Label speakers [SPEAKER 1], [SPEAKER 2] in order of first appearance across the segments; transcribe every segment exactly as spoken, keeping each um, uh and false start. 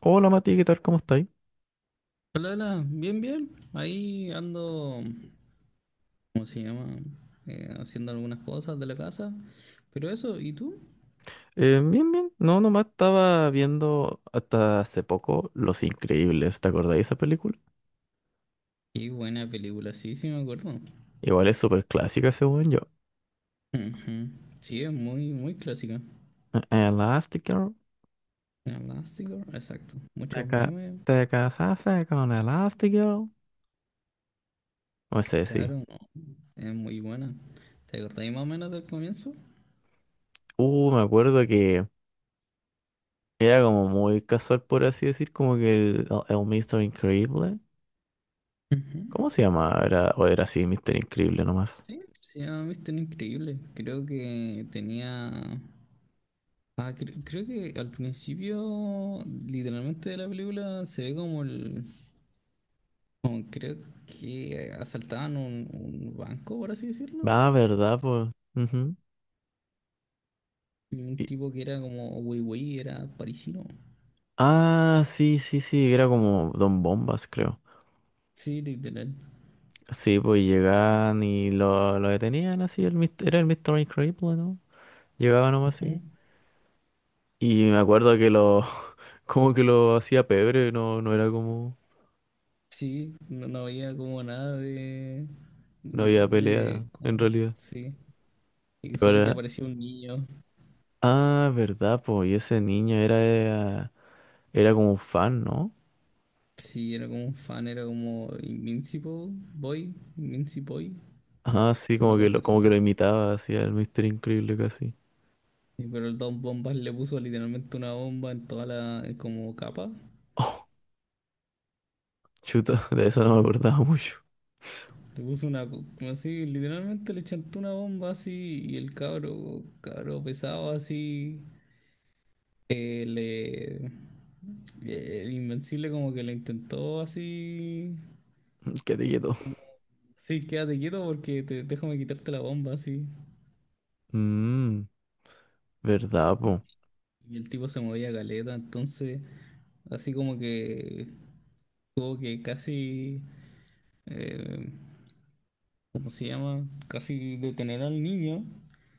[SPEAKER 1] Hola Mati, ¿qué tal? ¿Cómo estáis?
[SPEAKER 2] Hola, hola, bien, bien. Ahí ando, ¿cómo se llama? Eh, haciendo algunas cosas de la casa. Pero eso, ¿y tú?
[SPEAKER 1] Eh, bien, bien. No, nomás estaba viendo hasta hace poco Los Increíbles. ¿Te acordáis de esa película?
[SPEAKER 2] Qué buena película, sí, sí me acuerdo.
[SPEAKER 1] Igual es súper clásica según yo.
[SPEAKER 2] Ujú. Sí, es muy, muy clásica.
[SPEAKER 1] Eh, Elastigirl.
[SPEAKER 2] Elástico, exacto.
[SPEAKER 1] Te,
[SPEAKER 2] Muchos
[SPEAKER 1] ca-
[SPEAKER 2] memes,
[SPEAKER 1] Te casaste con Elastigirl. No sé, sí.
[SPEAKER 2] claro, no, es muy buena. ¿Te acordáis más o menos del comienzo?
[SPEAKER 1] Uh, me acuerdo que era como muy casual, por así decir, como que el, el, el míster Increíble.
[SPEAKER 2] Ujú.
[SPEAKER 1] ¿Cómo se llamaba? Era, o era así, míster Increíble nomás.
[SPEAKER 2] Sí, sí, a mí es tan increíble. Creo que tenía. Ah, cre- creo que al principio, literalmente de la película, se ve como el, creo que asaltaban un, un banco, por así decirlo.
[SPEAKER 1] Ah, ¿verdad? Pues. Ujú.
[SPEAKER 2] Y un
[SPEAKER 1] Y-
[SPEAKER 2] tipo que era como wey wey era parisino.
[SPEAKER 1] Ah, sí, sí, sí, era como Don Bombas, creo.
[SPEAKER 2] Sí, literal.
[SPEAKER 1] Sí, pues llegaban y lo, lo detenían así, el, mis- era el Mister Increíble, ¿no? Llegaban nomás así.
[SPEAKER 2] Ujú.
[SPEAKER 1] Y me acuerdo que lo, como que lo hacía pebre, no, no era como,
[SPEAKER 2] Sí, no, no había como nada de
[SPEAKER 1] no había pelea,
[SPEAKER 2] de...
[SPEAKER 1] en
[SPEAKER 2] como-
[SPEAKER 1] realidad.
[SPEAKER 2] sí. Y
[SPEAKER 1] Y
[SPEAKER 2] solo que
[SPEAKER 1] ahora,
[SPEAKER 2] aparecía un niño.
[SPEAKER 1] ah, verdad, pues, y ese niño era, era era como un fan, ¿no?
[SPEAKER 2] Sí, era como un fan, era como Invincible Boy, Invincible Boy,
[SPEAKER 1] Ah, sí,
[SPEAKER 2] una
[SPEAKER 1] como que
[SPEAKER 2] cosa
[SPEAKER 1] lo,
[SPEAKER 2] así.
[SPEAKER 1] como que lo imitaba, hacía el Mister Increíble casi.
[SPEAKER 2] Sí, pero el Don Bombas le puso literalmente una bomba en toda la como capa.
[SPEAKER 1] Oh, chuta, de eso no me acordaba mucho.
[SPEAKER 2] Le puso una, co- así, literalmente le chantó una bomba así, y el cabro, cabro pesado así, eh, le, el invencible como que le intentó así,
[SPEAKER 1] Qué quieto.
[SPEAKER 2] sí, quédate quieto porque te, déjame quitarte la bomba así.
[SPEAKER 1] Mmm, verdad,
[SPEAKER 2] Y el tipo se movía galeta, entonces así como que tuvo que casi, eh, ¿cómo se llama? Casi detener al niño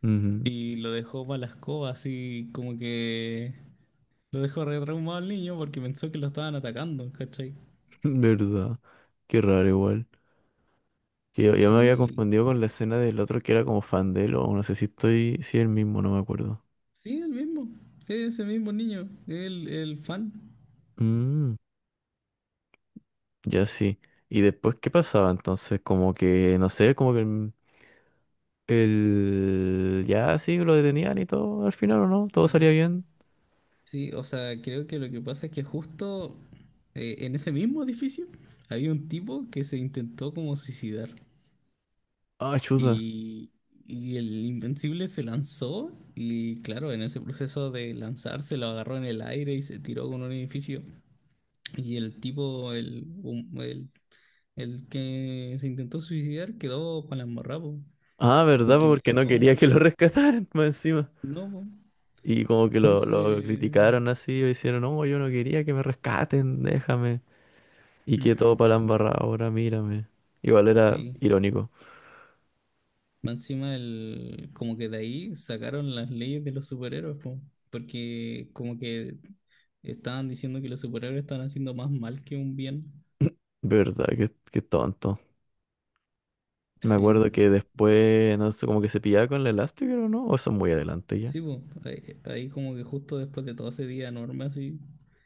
[SPEAKER 1] pues.
[SPEAKER 2] y lo dejó para la escoba, así como que lo dejó re traumado al niño porque pensó que lo estaban atacando, ¿cachai?
[SPEAKER 1] ¿Verdad? Qué raro igual. Que yo, yo me había
[SPEAKER 2] Sí,
[SPEAKER 1] confundido con la escena del otro que era como fan de él, o no sé si estoy, si es el mismo, no me acuerdo.
[SPEAKER 2] sí, el mismo. Es ese mismo niño, el, el fan.
[SPEAKER 1] Mm, ya sí. ¿Y después qué pasaba? Entonces, como que, no sé, como que el, el- ya sí lo detenían y todo, al final o no, todo
[SPEAKER 2] Sí.
[SPEAKER 1] salía bien.
[SPEAKER 2] Sí, o sea, creo que lo que pasa es que justo, eh, en ese mismo edificio había un tipo que se intentó como suicidar.
[SPEAKER 1] Ah, chuta.
[SPEAKER 2] Y, y el Invencible se lanzó y claro, en ese proceso de lanzarse lo agarró en el aire y se tiró con un edificio. Y el tipo, el, hum- el El que se intentó suicidar quedó para la embarrada, po,
[SPEAKER 1] Ah, ¿verdad?
[SPEAKER 2] porque
[SPEAKER 1] Porque
[SPEAKER 2] quedó
[SPEAKER 1] no
[SPEAKER 2] todo
[SPEAKER 1] quería que lo
[SPEAKER 2] molido.
[SPEAKER 1] rescataran más encima.
[SPEAKER 2] No, po.
[SPEAKER 1] Y como que lo, lo
[SPEAKER 2] Entonces,
[SPEAKER 1] criticaron así, o hicieron, no, yo no quería que me rescaten, déjame. Y que todo
[SPEAKER 2] ujú,
[SPEAKER 1] para la embarrada ahora, mírame. Igual era
[SPEAKER 2] sí.
[SPEAKER 1] irónico.
[SPEAKER 2] Más encima, el, como que de ahí sacaron las leyes de los superhéroes, po, porque como que estaban diciendo que los superhéroes estaban haciendo más mal que un bien.
[SPEAKER 1] Verdad, qué, qué tonto. Me
[SPEAKER 2] Sí,
[SPEAKER 1] acuerdo que después, no sé, como que se pillaba con el Elastigirl o no, o eso es muy adelante ya.
[SPEAKER 2] sí, po. Ahí, ahí como que justo después de todo ese día enorme así,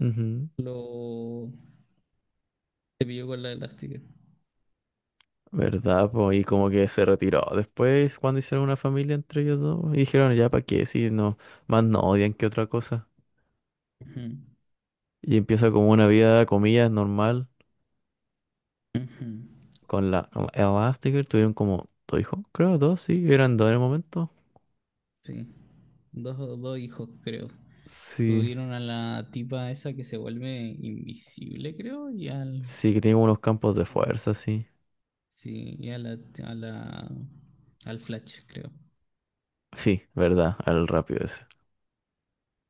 [SPEAKER 1] Ujú.
[SPEAKER 2] lo se pilló con la elástica.
[SPEAKER 1] ¿Verdad? Po y como que se retiró después cuando hicieron una familia entre ellos dos. Y dijeron, ya, ¿para qué? Si no, más no odian que otra cosa.
[SPEAKER 2] Ujú,
[SPEAKER 1] Y empieza como una vida, comillas, normal
[SPEAKER 2] ujú,
[SPEAKER 1] con la, con la Elastigirl. Tuvieron como dos hijos, creo, dos, sí, eran dos en el momento.
[SPEAKER 2] sí. Dos, dos hijos, creo.
[SPEAKER 1] Sí,
[SPEAKER 2] Tuvieron a la tipa esa que se vuelve invisible, creo, y al.
[SPEAKER 1] sí, que tienen unos campos de fuerza, sí.
[SPEAKER 2] Sí, y a la, a la- al Flash, creo.
[SPEAKER 1] Sí, verdad, al rápido ese.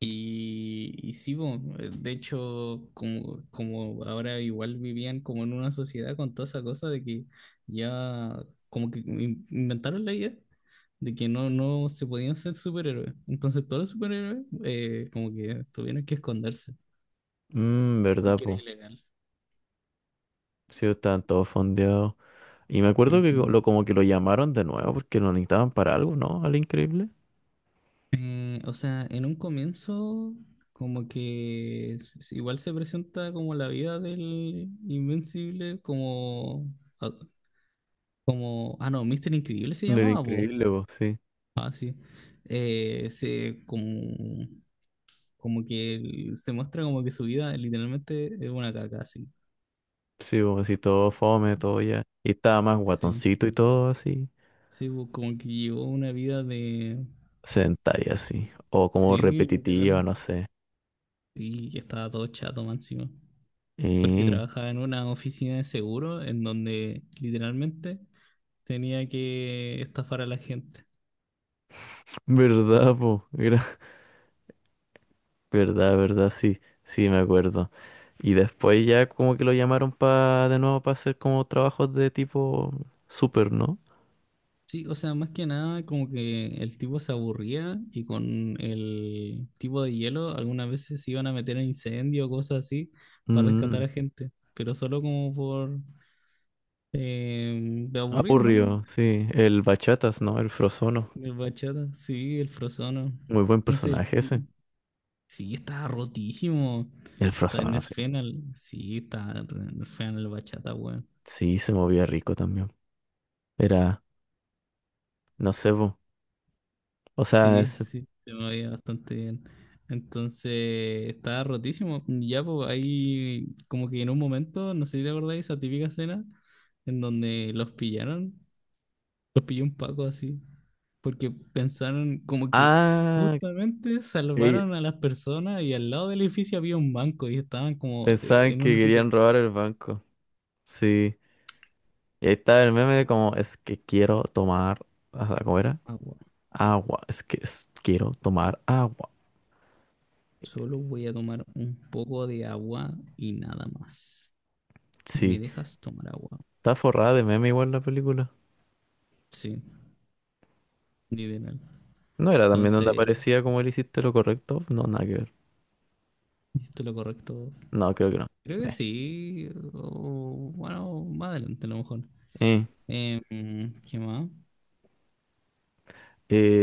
[SPEAKER 2] Y, y sí, bo, de hecho, como, como ahora igual vivían como en una sociedad con toda esa cosa de que ya como que in- inventaron la idea de que no, no se podían ser superhéroes. Entonces todos los superhéroes, eh, como que tuvieron que esconderse
[SPEAKER 1] Mmm, verdad,
[SPEAKER 2] porque era
[SPEAKER 1] po.
[SPEAKER 2] ilegal.
[SPEAKER 1] Sí, estaban todos fondeados. Y me acuerdo que
[SPEAKER 2] Ujú.
[SPEAKER 1] co- lo, como que lo llamaron de nuevo porque lo necesitaban para algo, ¿no? Al increíble.
[SPEAKER 2] Eh, o sea, en un comienzo, como que s- s- igual se presenta como la vida del Invencible, como, ah, como, ah, no, Mister Increíble se
[SPEAKER 1] Del
[SPEAKER 2] llamaba, po.
[SPEAKER 1] increíble, po, sí.
[SPEAKER 2] Ah, sí. Eh, se, como, como que él- se muestra como que su vida literalmente es una caca, sí.
[SPEAKER 1] Sí, po, así todo fome, todo ya. Y estaba más
[SPEAKER 2] Sí,
[SPEAKER 1] guatoncito y todo así.
[SPEAKER 2] sí, po, como que llevó una vida de,
[SPEAKER 1] Sentai así. O como
[SPEAKER 2] sí,
[SPEAKER 1] repetitiva,
[SPEAKER 2] literal,
[SPEAKER 1] no sé.
[SPEAKER 2] y que estaba todo chato, más encima. Porque
[SPEAKER 1] eh,
[SPEAKER 2] trabajaba en una oficina de seguro en donde literalmente tenía que estafar a la gente.
[SPEAKER 1] Verdad, po. Era- Verdad, verdad, sí. Sí, me acuerdo. Y después ya como que lo llamaron pa de nuevo para hacer como trabajos de tipo super, ¿no?
[SPEAKER 2] Sí, o sea, más que nada como que el tipo se aburría y con el tipo de hielo algunas veces se iban a meter en incendio o cosas así para
[SPEAKER 1] Mm,
[SPEAKER 2] rescatar a gente, pero solo como por, eh, de aburrido, ¿no?
[SPEAKER 1] aburrido, sí. El Bachatas, ¿no? El Frozono.
[SPEAKER 2] El bachata, sí, el frozono.
[SPEAKER 1] Muy buen
[SPEAKER 2] Entonces el
[SPEAKER 1] personaje
[SPEAKER 2] tipo,
[SPEAKER 1] ese.
[SPEAKER 2] sí, estaba rotísimo.
[SPEAKER 1] El
[SPEAKER 2] Está en
[SPEAKER 1] Frozono,
[SPEAKER 2] el
[SPEAKER 1] sí.
[SPEAKER 2] Fenal, sí, está en el Fenal el bachata, weón.
[SPEAKER 1] Sí, se movía rico también. Era, no sé, po. O sea,
[SPEAKER 2] Sí,
[SPEAKER 1] ese-
[SPEAKER 2] sí, se me veía bastante bien. Entonces, estaba rotísimo. Y ya, pues, ahí, como que en un momento, no sé si te acordáis, esa típica escena en donde los pillaron, los pilló un Paco así, porque pensaron como que
[SPEAKER 1] Ah,
[SPEAKER 2] justamente
[SPEAKER 1] ok.
[SPEAKER 2] salvaron a las personas y al lado del edificio había un banco y estaban como, eh,
[SPEAKER 1] Pensaban
[SPEAKER 2] en
[SPEAKER 1] que
[SPEAKER 2] una
[SPEAKER 1] querían
[SPEAKER 2] situación.
[SPEAKER 1] robar el banco. Sí. Y ahí estaba el meme de como, es que quiero tomar... ah, ¿cómo era?
[SPEAKER 2] Agua.
[SPEAKER 1] Agua. Es que es- quiero tomar agua.
[SPEAKER 2] Solo voy a tomar un poco de agua y nada más. ¿Me
[SPEAKER 1] Sí.
[SPEAKER 2] dejas tomar agua?
[SPEAKER 1] Está forrada de meme igual la película.
[SPEAKER 2] Sí, literal.
[SPEAKER 1] No era también donde
[SPEAKER 2] Entonces
[SPEAKER 1] aparecía como él hiciste lo correcto. No, nada que ver.
[SPEAKER 2] hiciste lo correcto.
[SPEAKER 1] No, creo que no.
[SPEAKER 2] Creo que
[SPEAKER 1] Eh.
[SPEAKER 2] sí. O- bueno, más adelante a lo mejor.
[SPEAKER 1] Eh.
[SPEAKER 2] Eh, ¿Qué más?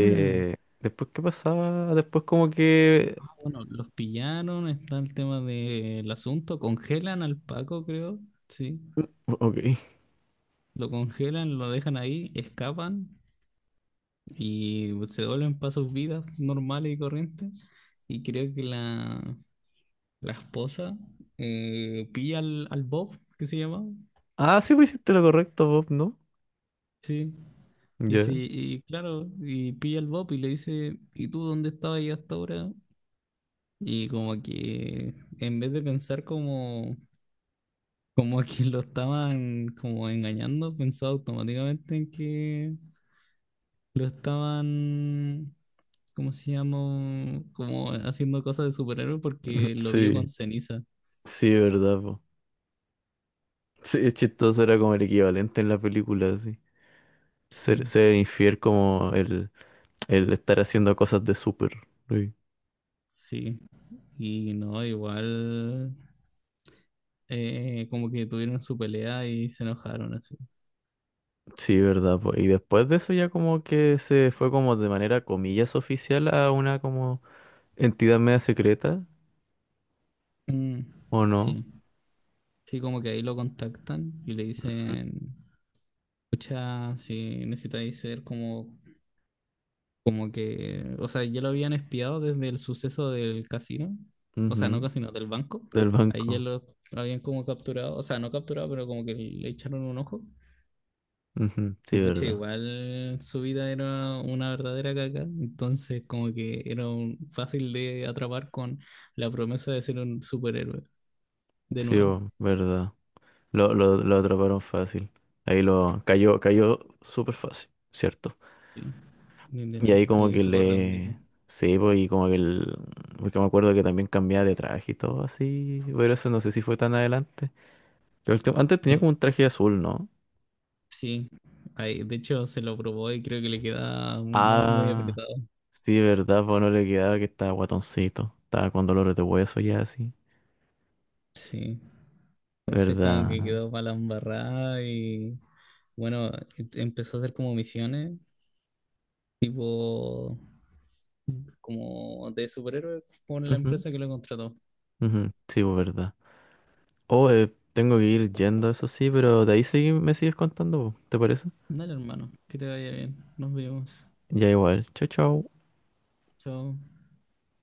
[SPEAKER 2] Mm,
[SPEAKER 1] después, ¿qué pasaba? Después como que...
[SPEAKER 2] ah, bueno, los pillaron. Está el tema del asunto. Congelan al Paco, creo. Sí.
[SPEAKER 1] Ok.
[SPEAKER 2] Lo congelan, lo dejan ahí, escapan y se vuelven para sus vidas normales y corrientes. Y creo que la, la esposa, eh, pilla al, al Bob, que se llama.
[SPEAKER 1] Ah, sí, pues hiciste lo correcto, Bob, ¿no?
[SPEAKER 2] Sí. Y
[SPEAKER 1] Ya.
[SPEAKER 2] sí, y claro, y pilla al Bob y le dice, ¿y tú dónde estabas yo hasta ahora? Y como que en vez de pensar como, como a que lo estaban como engañando, pensó automáticamente en que lo estaban, ¿cómo se llama? Como haciendo cosas de superhéroe porque lo vio
[SPEAKER 1] Sí,
[SPEAKER 2] con ceniza.
[SPEAKER 1] sí, verdad, po. Sí, es chistoso, era como el equivalente en la película, sí. Ser,
[SPEAKER 2] Sí,
[SPEAKER 1] ser infiel como el, el estar haciendo cosas de súper. Sí,
[SPEAKER 2] sí. Y no, igual, eh, como que tuvieron su pelea y se enojaron así.
[SPEAKER 1] sí, verdad, po. Y después de eso ya como que se fue como de manera comillas oficial a una como entidad media secreta,
[SPEAKER 2] Mm,
[SPEAKER 1] ¿o no?
[SPEAKER 2] sí. Sí, como que ahí lo contactan y le dicen, escucha, si necesitáis ser como, como que, o sea, ya lo habían espiado desde el suceso del casino, o sea, no
[SPEAKER 1] Ujú.
[SPEAKER 2] casino, del banco,
[SPEAKER 1] Del
[SPEAKER 2] ahí ya
[SPEAKER 1] banco.
[SPEAKER 2] lo, lo habían como capturado, o sea, no capturado, pero como que le echaron un ojo.
[SPEAKER 1] Ujú,
[SPEAKER 2] Y
[SPEAKER 1] sí,
[SPEAKER 2] pucha,
[SPEAKER 1] verdad.
[SPEAKER 2] igual su vida era una verdadera caca, entonces como que era un- fácil de atrapar con la promesa de ser un superhéroe, de
[SPEAKER 1] Sí,
[SPEAKER 2] nuevo.
[SPEAKER 1] po, verdad. Lo, lo, lo atraparon fácil. Ahí lo cayó, cayó súper fácil, ¿cierto?
[SPEAKER 2] Sí,
[SPEAKER 1] Y
[SPEAKER 2] literal,
[SPEAKER 1] ahí como
[SPEAKER 2] cayó
[SPEAKER 1] que
[SPEAKER 2] súper redondito.
[SPEAKER 1] le... Sí, pues, y como que el... Porque me acuerdo que también cambiaba de traje y todo así. Pero eso no sé si fue tan adelante. Lo último- Antes tenía como
[SPEAKER 2] Sí.
[SPEAKER 1] un traje azul, ¿no?
[SPEAKER 2] Sí, ahí, de hecho se lo probó y creo que le queda mu- muy
[SPEAKER 1] Ah,
[SPEAKER 2] apretado.
[SPEAKER 1] sí, verdad, pues no le quedaba que estaba guatoncito. Estaba con dolores de hueso ya así.
[SPEAKER 2] Sí, entonces como que
[SPEAKER 1] ¿Verdad?
[SPEAKER 2] quedó para la embarrada y bueno, em- empezó a hacer como misiones, tipo como de superhéroe con la
[SPEAKER 1] Ujú,
[SPEAKER 2] empresa que lo contrató.
[SPEAKER 1] ujú, sí, pues, verdad. Oh, eh, tengo que ir yendo, eso sí, pero de ahí seguí- me sigues contando, po, ¿te parece?
[SPEAKER 2] Dale, hermano, que te vaya bien. Nos vemos.
[SPEAKER 1] Ya igual. Chao, chao.
[SPEAKER 2] Chao.